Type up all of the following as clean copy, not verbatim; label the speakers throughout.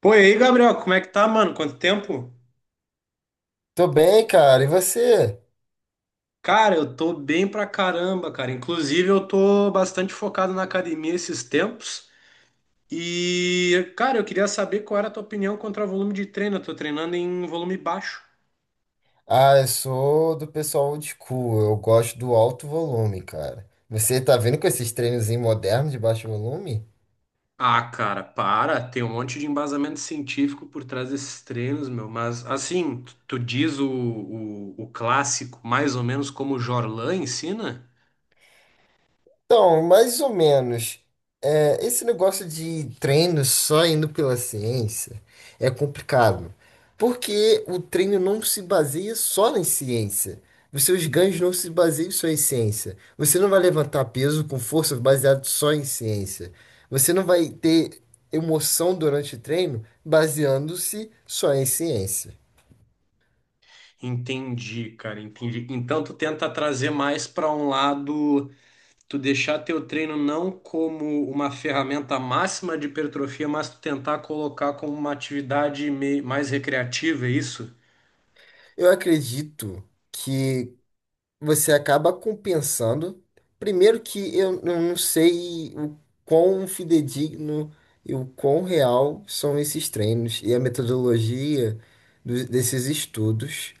Speaker 1: Pô, e aí, Gabriel, como é que tá, mano? Quanto tempo?
Speaker 2: Tô bem, cara. E você?
Speaker 1: Cara, eu tô bem pra caramba, cara. Inclusive, eu tô bastante focado na academia esses tempos. E, cara, eu queria saber qual era a tua opinião contra o volume de treino. Eu tô treinando em volume baixo.
Speaker 2: Ah, eu sou do pessoal old school. Eu gosto do alto volume, cara. Você tá vendo com esses treinozinhos modernos de baixo volume?
Speaker 1: Ah, cara, para. Tem um monte de embasamento científico por trás desses treinos, meu. Mas, assim, tu diz o clássico mais ou menos como o Jorlan ensina?
Speaker 2: Então, mais ou menos. É, esse negócio de treino só indo pela ciência é complicado, porque o treino não se baseia só em ciência. Os seus ganhos não se baseiam só em ciência. Você não vai levantar peso com força baseado só em ciência. Você não vai ter emoção durante o treino baseando-se só em ciência.
Speaker 1: Entendi, cara, entendi. Então, tu tenta trazer mais pra um lado. Tu deixar teu treino não como uma ferramenta máxima de hipertrofia, mas tu tentar colocar como uma atividade mais recreativa, é isso?
Speaker 2: Eu acredito que você acaba compensando. Primeiro que eu não sei o quão fidedigno e o quão real são esses treinos e a metodologia desses estudos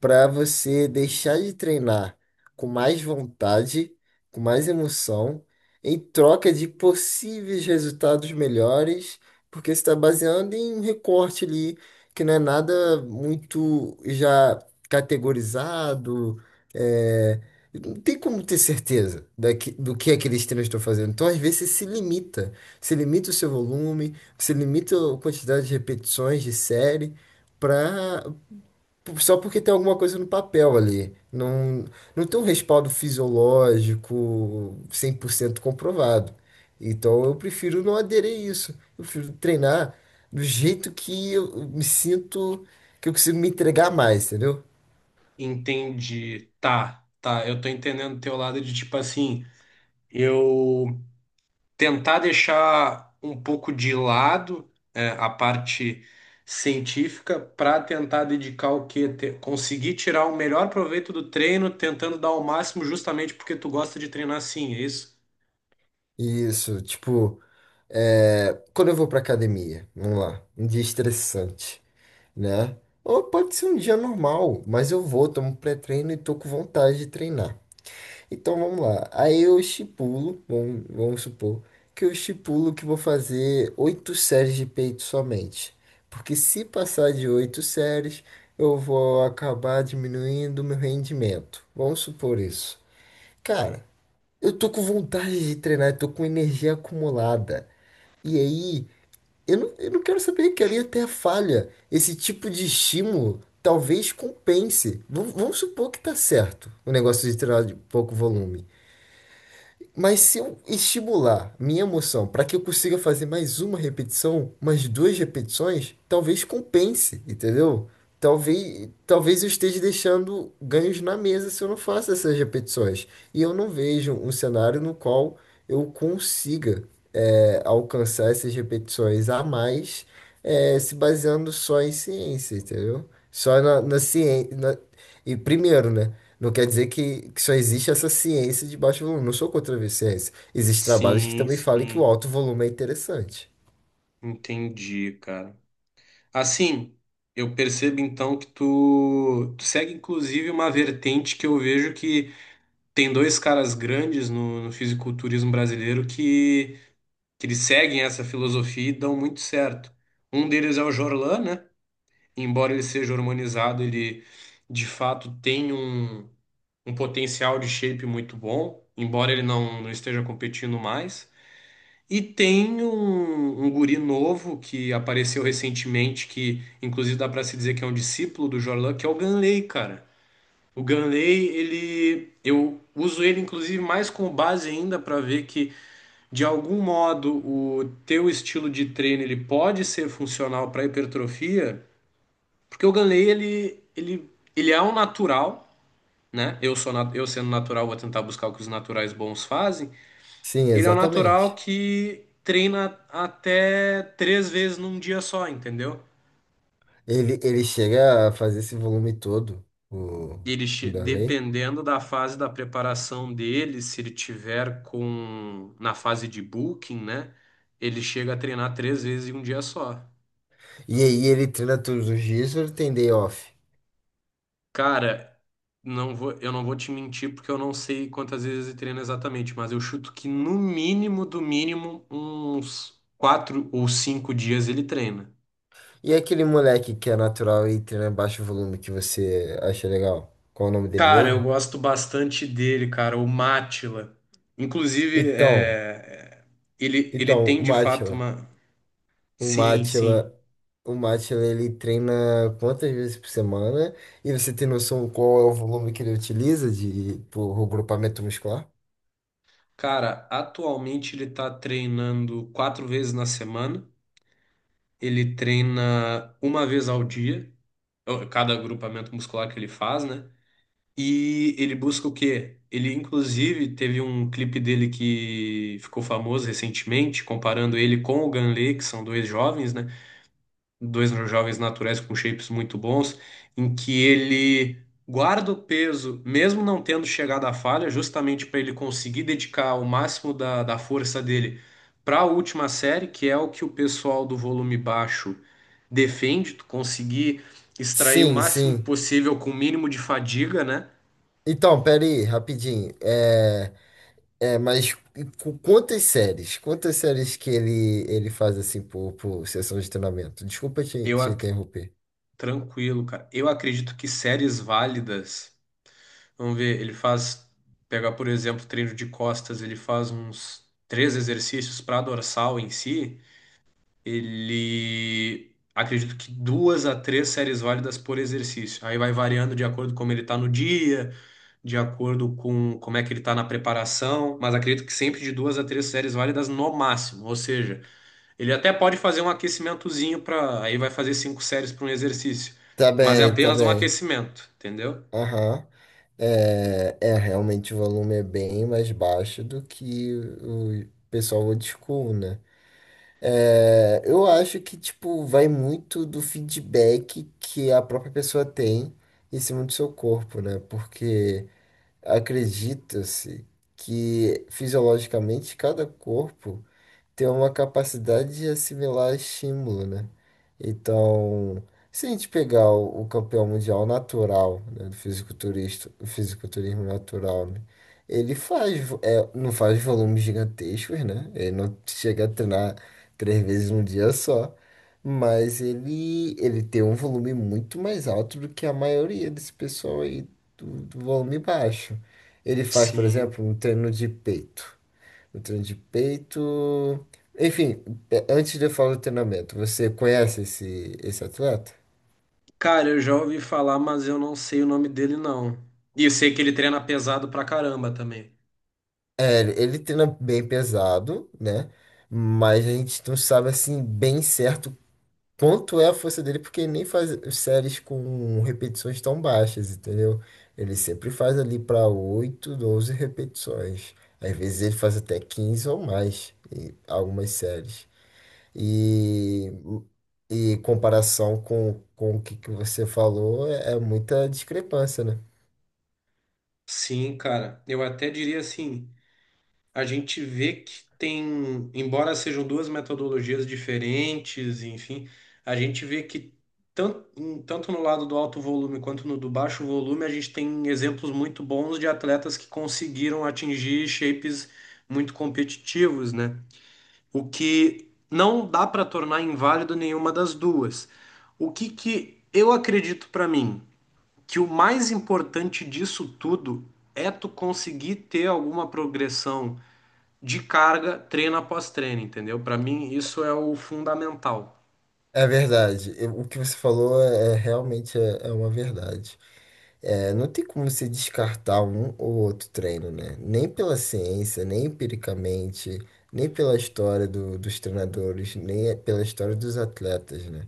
Speaker 2: para você deixar de treinar com mais vontade, com mais emoção, em troca de possíveis resultados melhores, porque você está baseando em um recorte ali que não é nada muito já categorizado é, não tem como ter certeza do que é que eles estão fazendo. Então, às vezes, você se limita. Se limita o seu volume, se limita a quantidade de repetições de série, pra, só porque tem alguma coisa no papel ali. Não, não tem um respaldo fisiológico 100% comprovado. Então, eu prefiro não aderir a isso. Eu prefiro treinar do jeito que eu me sinto, que eu consigo me entregar mais, entendeu?
Speaker 1: Entendi. Tá, tá. Eu tô entendendo teu lado de tipo assim, eu tentar deixar um pouco de lado a parte científica para tentar dedicar o quê? Conseguir tirar o melhor proveito do treino, tentando dar o máximo justamente porque tu gosta de treinar assim, é isso?
Speaker 2: Isso, tipo. É, quando eu vou pra academia, vamos lá, um dia estressante, né? Ou pode ser um dia normal, mas eu vou, tomo um pré-treino e tô com vontade de treinar. Então vamos lá. Aí eu estipulo, vamos supor, que eu estipulo que vou fazer oito séries de peito somente. Porque se passar de oito séries, eu vou acabar diminuindo o meu rendimento. Vamos supor isso. Cara, eu tô com vontade de treinar, eu tô com energia acumulada. E aí, eu não quero saber, quero ir até a falha. Esse tipo de estímulo talvez compense. Vamos supor que tá certo o negócio de tirar de pouco volume. Mas se eu estimular minha emoção para que eu consiga fazer mais uma repetição, mais duas repetições, talvez compense, entendeu? Talvez eu esteja deixando ganhos na mesa se eu não faço essas repetições. E eu não vejo um cenário no qual eu consiga, alcançar essas repetições a mais, se baseando só em ciência, entendeu? Só na ciência. E primeiro, né? Não quer dizer que só existe essa ciência de baixo volume. Não sou contra a ciência. Existem trabalhos que
Speaker 1: Sim,
Speaker 2: também falam que o
Speaker 1: sim.
Speaker 2: alto volume é interessante.
Speaker 1: Entendi, cara. Assim, eu percebo então que tu segue inclusive uma vertente que eu vejo que tem dois caras grandes no fisiculturismo brasileiro que eles seguem essa filosofia e dão muito certo. Um deles é o Jorlan, né? Embora ele seja hormonizado, ele de fato tem um potencial de shape muito bom, embora ele não esteja competindo mais. E tem um guri novo que apareceu recentemente, que inclusive dá pra se dizer que é um discípulo do Jorlan, que é o Ganley, cara. O Ganley, ele, eu uso ele inclusive mais como base ainda pra ver que de algum modo o teu estilo de treino ele pode ser funcional pra hipertrofia, porque o Ganley ele é um natural, né? Eu sou eu sendo natural vou tentar buscar o que os naturais bons fazem,
Speaker 2: Sim,
Speaker 1: ele é um natural
Speaker 2: exatamente.
Speaker 1: que treina até três vezes num dia só, entendeu?
Speaker 2: Ele chega a fazer esse volume todo, o,
Speaker 1: Ele,
Speaker 2: o Darley.
Speaker 1: dependendo da fase da preparação dele, se ele tiver com na fase de booking, né? Ele chega a treinar três vezes em um dia só.
Speaker 2: E aí ele treina todos os dias, ele tem day off.
Speaker 1: Cara, eu não vou te mentir porque eu não sei quantas vezes ele treina exatamente, mas eu chuto que no mínimo, do mínimo, uns quatro ou cinco dias ele treina.
Speaker 2: E aquele moleque que é natural e treina baixo volume que você acha legal? Qual o nome dele
Speaker 1: Cara, eu
Speaker 2: mesmo?
Speaker 1: gosto bastante dele, cara, o Mátila. Inclusive,
Speaker 2: Então,
Speaker 1: ele
Speaker 2: então,
Speaker 1: tem
Speaker 2: o
Speaker 1: de fato
Speaker 2: Mátila.
Speaker 1: uma.
Speaker 2: O
Speaker 1: Sim, sim.
Speaker 2: Mátila, o Mátila, ele treina quantas vezes por semana? E você tem noção qual é o volume que ele utiliza de por grupamento muscular?
Speaker 1: Cara, atualmente ele tá treinando quatro vezes na semana. Ele treina uma vez ao dia, ó, cada agrupamento muscular que ele faz, né? E ele busca o quê? Ele, inclusive, teve um clipe dele que ficou famoso recentemente, comparando ele com o Ganley, que são dois jovens, né? Dois jovens naturais com shapes muito bons, em que ele guarda o peso, mesmo não tendo chegado à falha, justamente para ele conseguir dedicar o máximo da força dele para a última série, que é o que o pessoal do volume baixo defende, tu conseguir extrair o
Speaker 2: Sim,
Speaker 1: máximo
Speaker 2: sim.
Speaker 1: possível com o mínimo de fadiga, né?
Speaker 2: Então, pera aí, rapidinho. Mas quantas séries? Quantas séries que ele faz assim por sessão de treinamento? Desculpa te,
Speaker 1: Eu
Speaker 2: te
Speaker 1: ac-
Speaker 2: interromper.
Speaker 1: Tranquilo, cara. Eu acredito que séries válidas. Vamos ver, pegar por exemplo, treino de costas, ele faz uns três exercícios para dorsal em si. Ele acredito que duas a três séries válidas por exercício. Aí vai variando de acordo com como ele está no dia, de acordo com como é que ele está na preparação, mas acredito que sempre de duas a três séries válidas no máximo. Ou seja, ele até pode fazer um aquecimentozinho para, aí vai fazer cinco séries para um exercício,
Speaker 2: Tá
Speaker 1: mas é
Speaker 2: bem, tá
Speaker 1: apenas um
Speaker 2: bem.
Speaker 1: aquecimento, entendeu?
Speaker 2: Aham. Realmente o volume é bem mais baixo do que o pessoal old school, né? Eu acho que, tipo, vai muito do feedback que a própria pessoa tem em cima do seu corpo, né? Porque acredita-se que fisiologicamente cada corpo ter uma capacidade de assimilar estímulo, né? Então, se a gente pegar o campeão mundial natural, né, do fisiculturista, o fisiculturismo natural, né, ele faz, não faz volumes gigantescos, né? Ele não chega a treinar três vezes num dia só, mas ele tem um volume muito mais alto do que a maioria desse pessoal aí do volume baixo. Ele faz, por
Speaker 1: Sim.
Speaker 2: exemplo, um treino de peito. O treino de peito. Enfim, antes de eu falar do treinamento, você conhece esse atleta?
Speaker 1: Cara, eu já ouvi falar, mas eu não sei o nome dele, não. E eu sei que ele treina pesado pra caramba também.
Speaker 2: Ele treina bem pesado, né? Mas a gente não sabe assim bem certo quanto é a força dele, porque ele nem faz séries com repetições tão baixas, entendeu? Ele sempre faz ali para 8, 12 repetições. Às vezes ele faz até 15 ou mais em algumas séries. E, e em comparação com o que você falou, é muita discrepância, né?
Speaker 1: Sim, cara. Eu até diria assim, a gente vê que tem, embora sejam duas metodologias diferentes, enfim, a gente vê que tanto no lado do alto volume quanto no do baixo volume, a gente tem exemplos muito bons de atletas que conseguiram atingir shapes muito competitivos, né? O que não dá para tornar inválido nenhuma das duas. O que que eu acredito para mim, que o mais importante disso tudo é tu conseguir ter alguma progressão de carga treino após treino, entendeu? Para mim isso é o fundamental.
Speaker 2: É verdade. O que você falou é realmente é uma verdade. Não tem como você descartar um ou outro treino, né? Nem pela ciência, nem empiricamente, nem pela história dos treinadores, nem pela história dos atletas, né?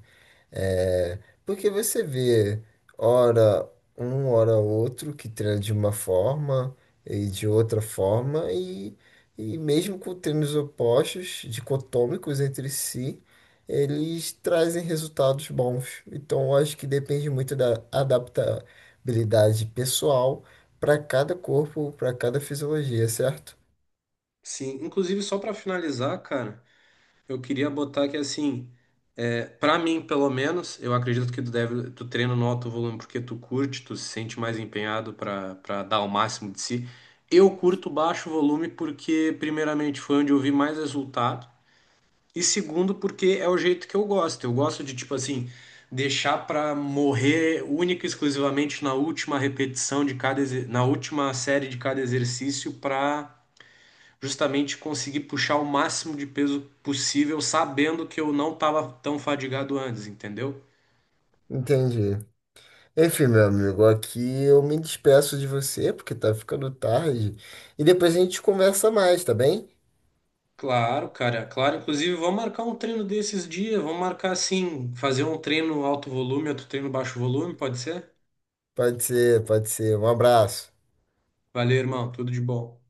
Speaker 2: É, porque você vê, ora um, ora outro, que treina de uma forma e de outra forma, e mesmo com treinos opostos, dicotômicos entre si, eles trazem resultados bons. Então, eu acho que depende muito da adaptabilidade pessoal para cada corpo, para cada fisiologia, certo?
Speaker 1: Sim, inclusive só para finalizar, cara, eu queria botar que assim, para mim pelo menos, eu acredito que tu deve, tu treina no alto volume porque tu curte, tu se sente mais empenhado para dar o máximo de si. Eu curto baixo volume porque primeiramente foi onde eu vi mais resultado e segundo porque é o jeito que eu gosto. Eu gosto de tipo assim, deixar para morrer única e exclusivamente na última repetição de cada na última série de cada exercício para justamente conseguir puxar o máximo de peso possível, sabendo que eu não estava tão fadigado antes, entendeu?
Speaker 2: Entendi. Enfim, meu amigo, aqui eu me despeço de você porque tá ficando tarde. E depois a gente conversa mais, tá bem?
Speaker 1: Claro, cara, claro. Inclusive, vamos marcar um treino desses dias. Vamos marcar assim, fazer um treino alto volume, outro treino baixo volume, pode ser?
Speaker 2: Pode ser, pode ser. Um abraço.
Speaker 1: Valeu, irmão. Tudo de bom.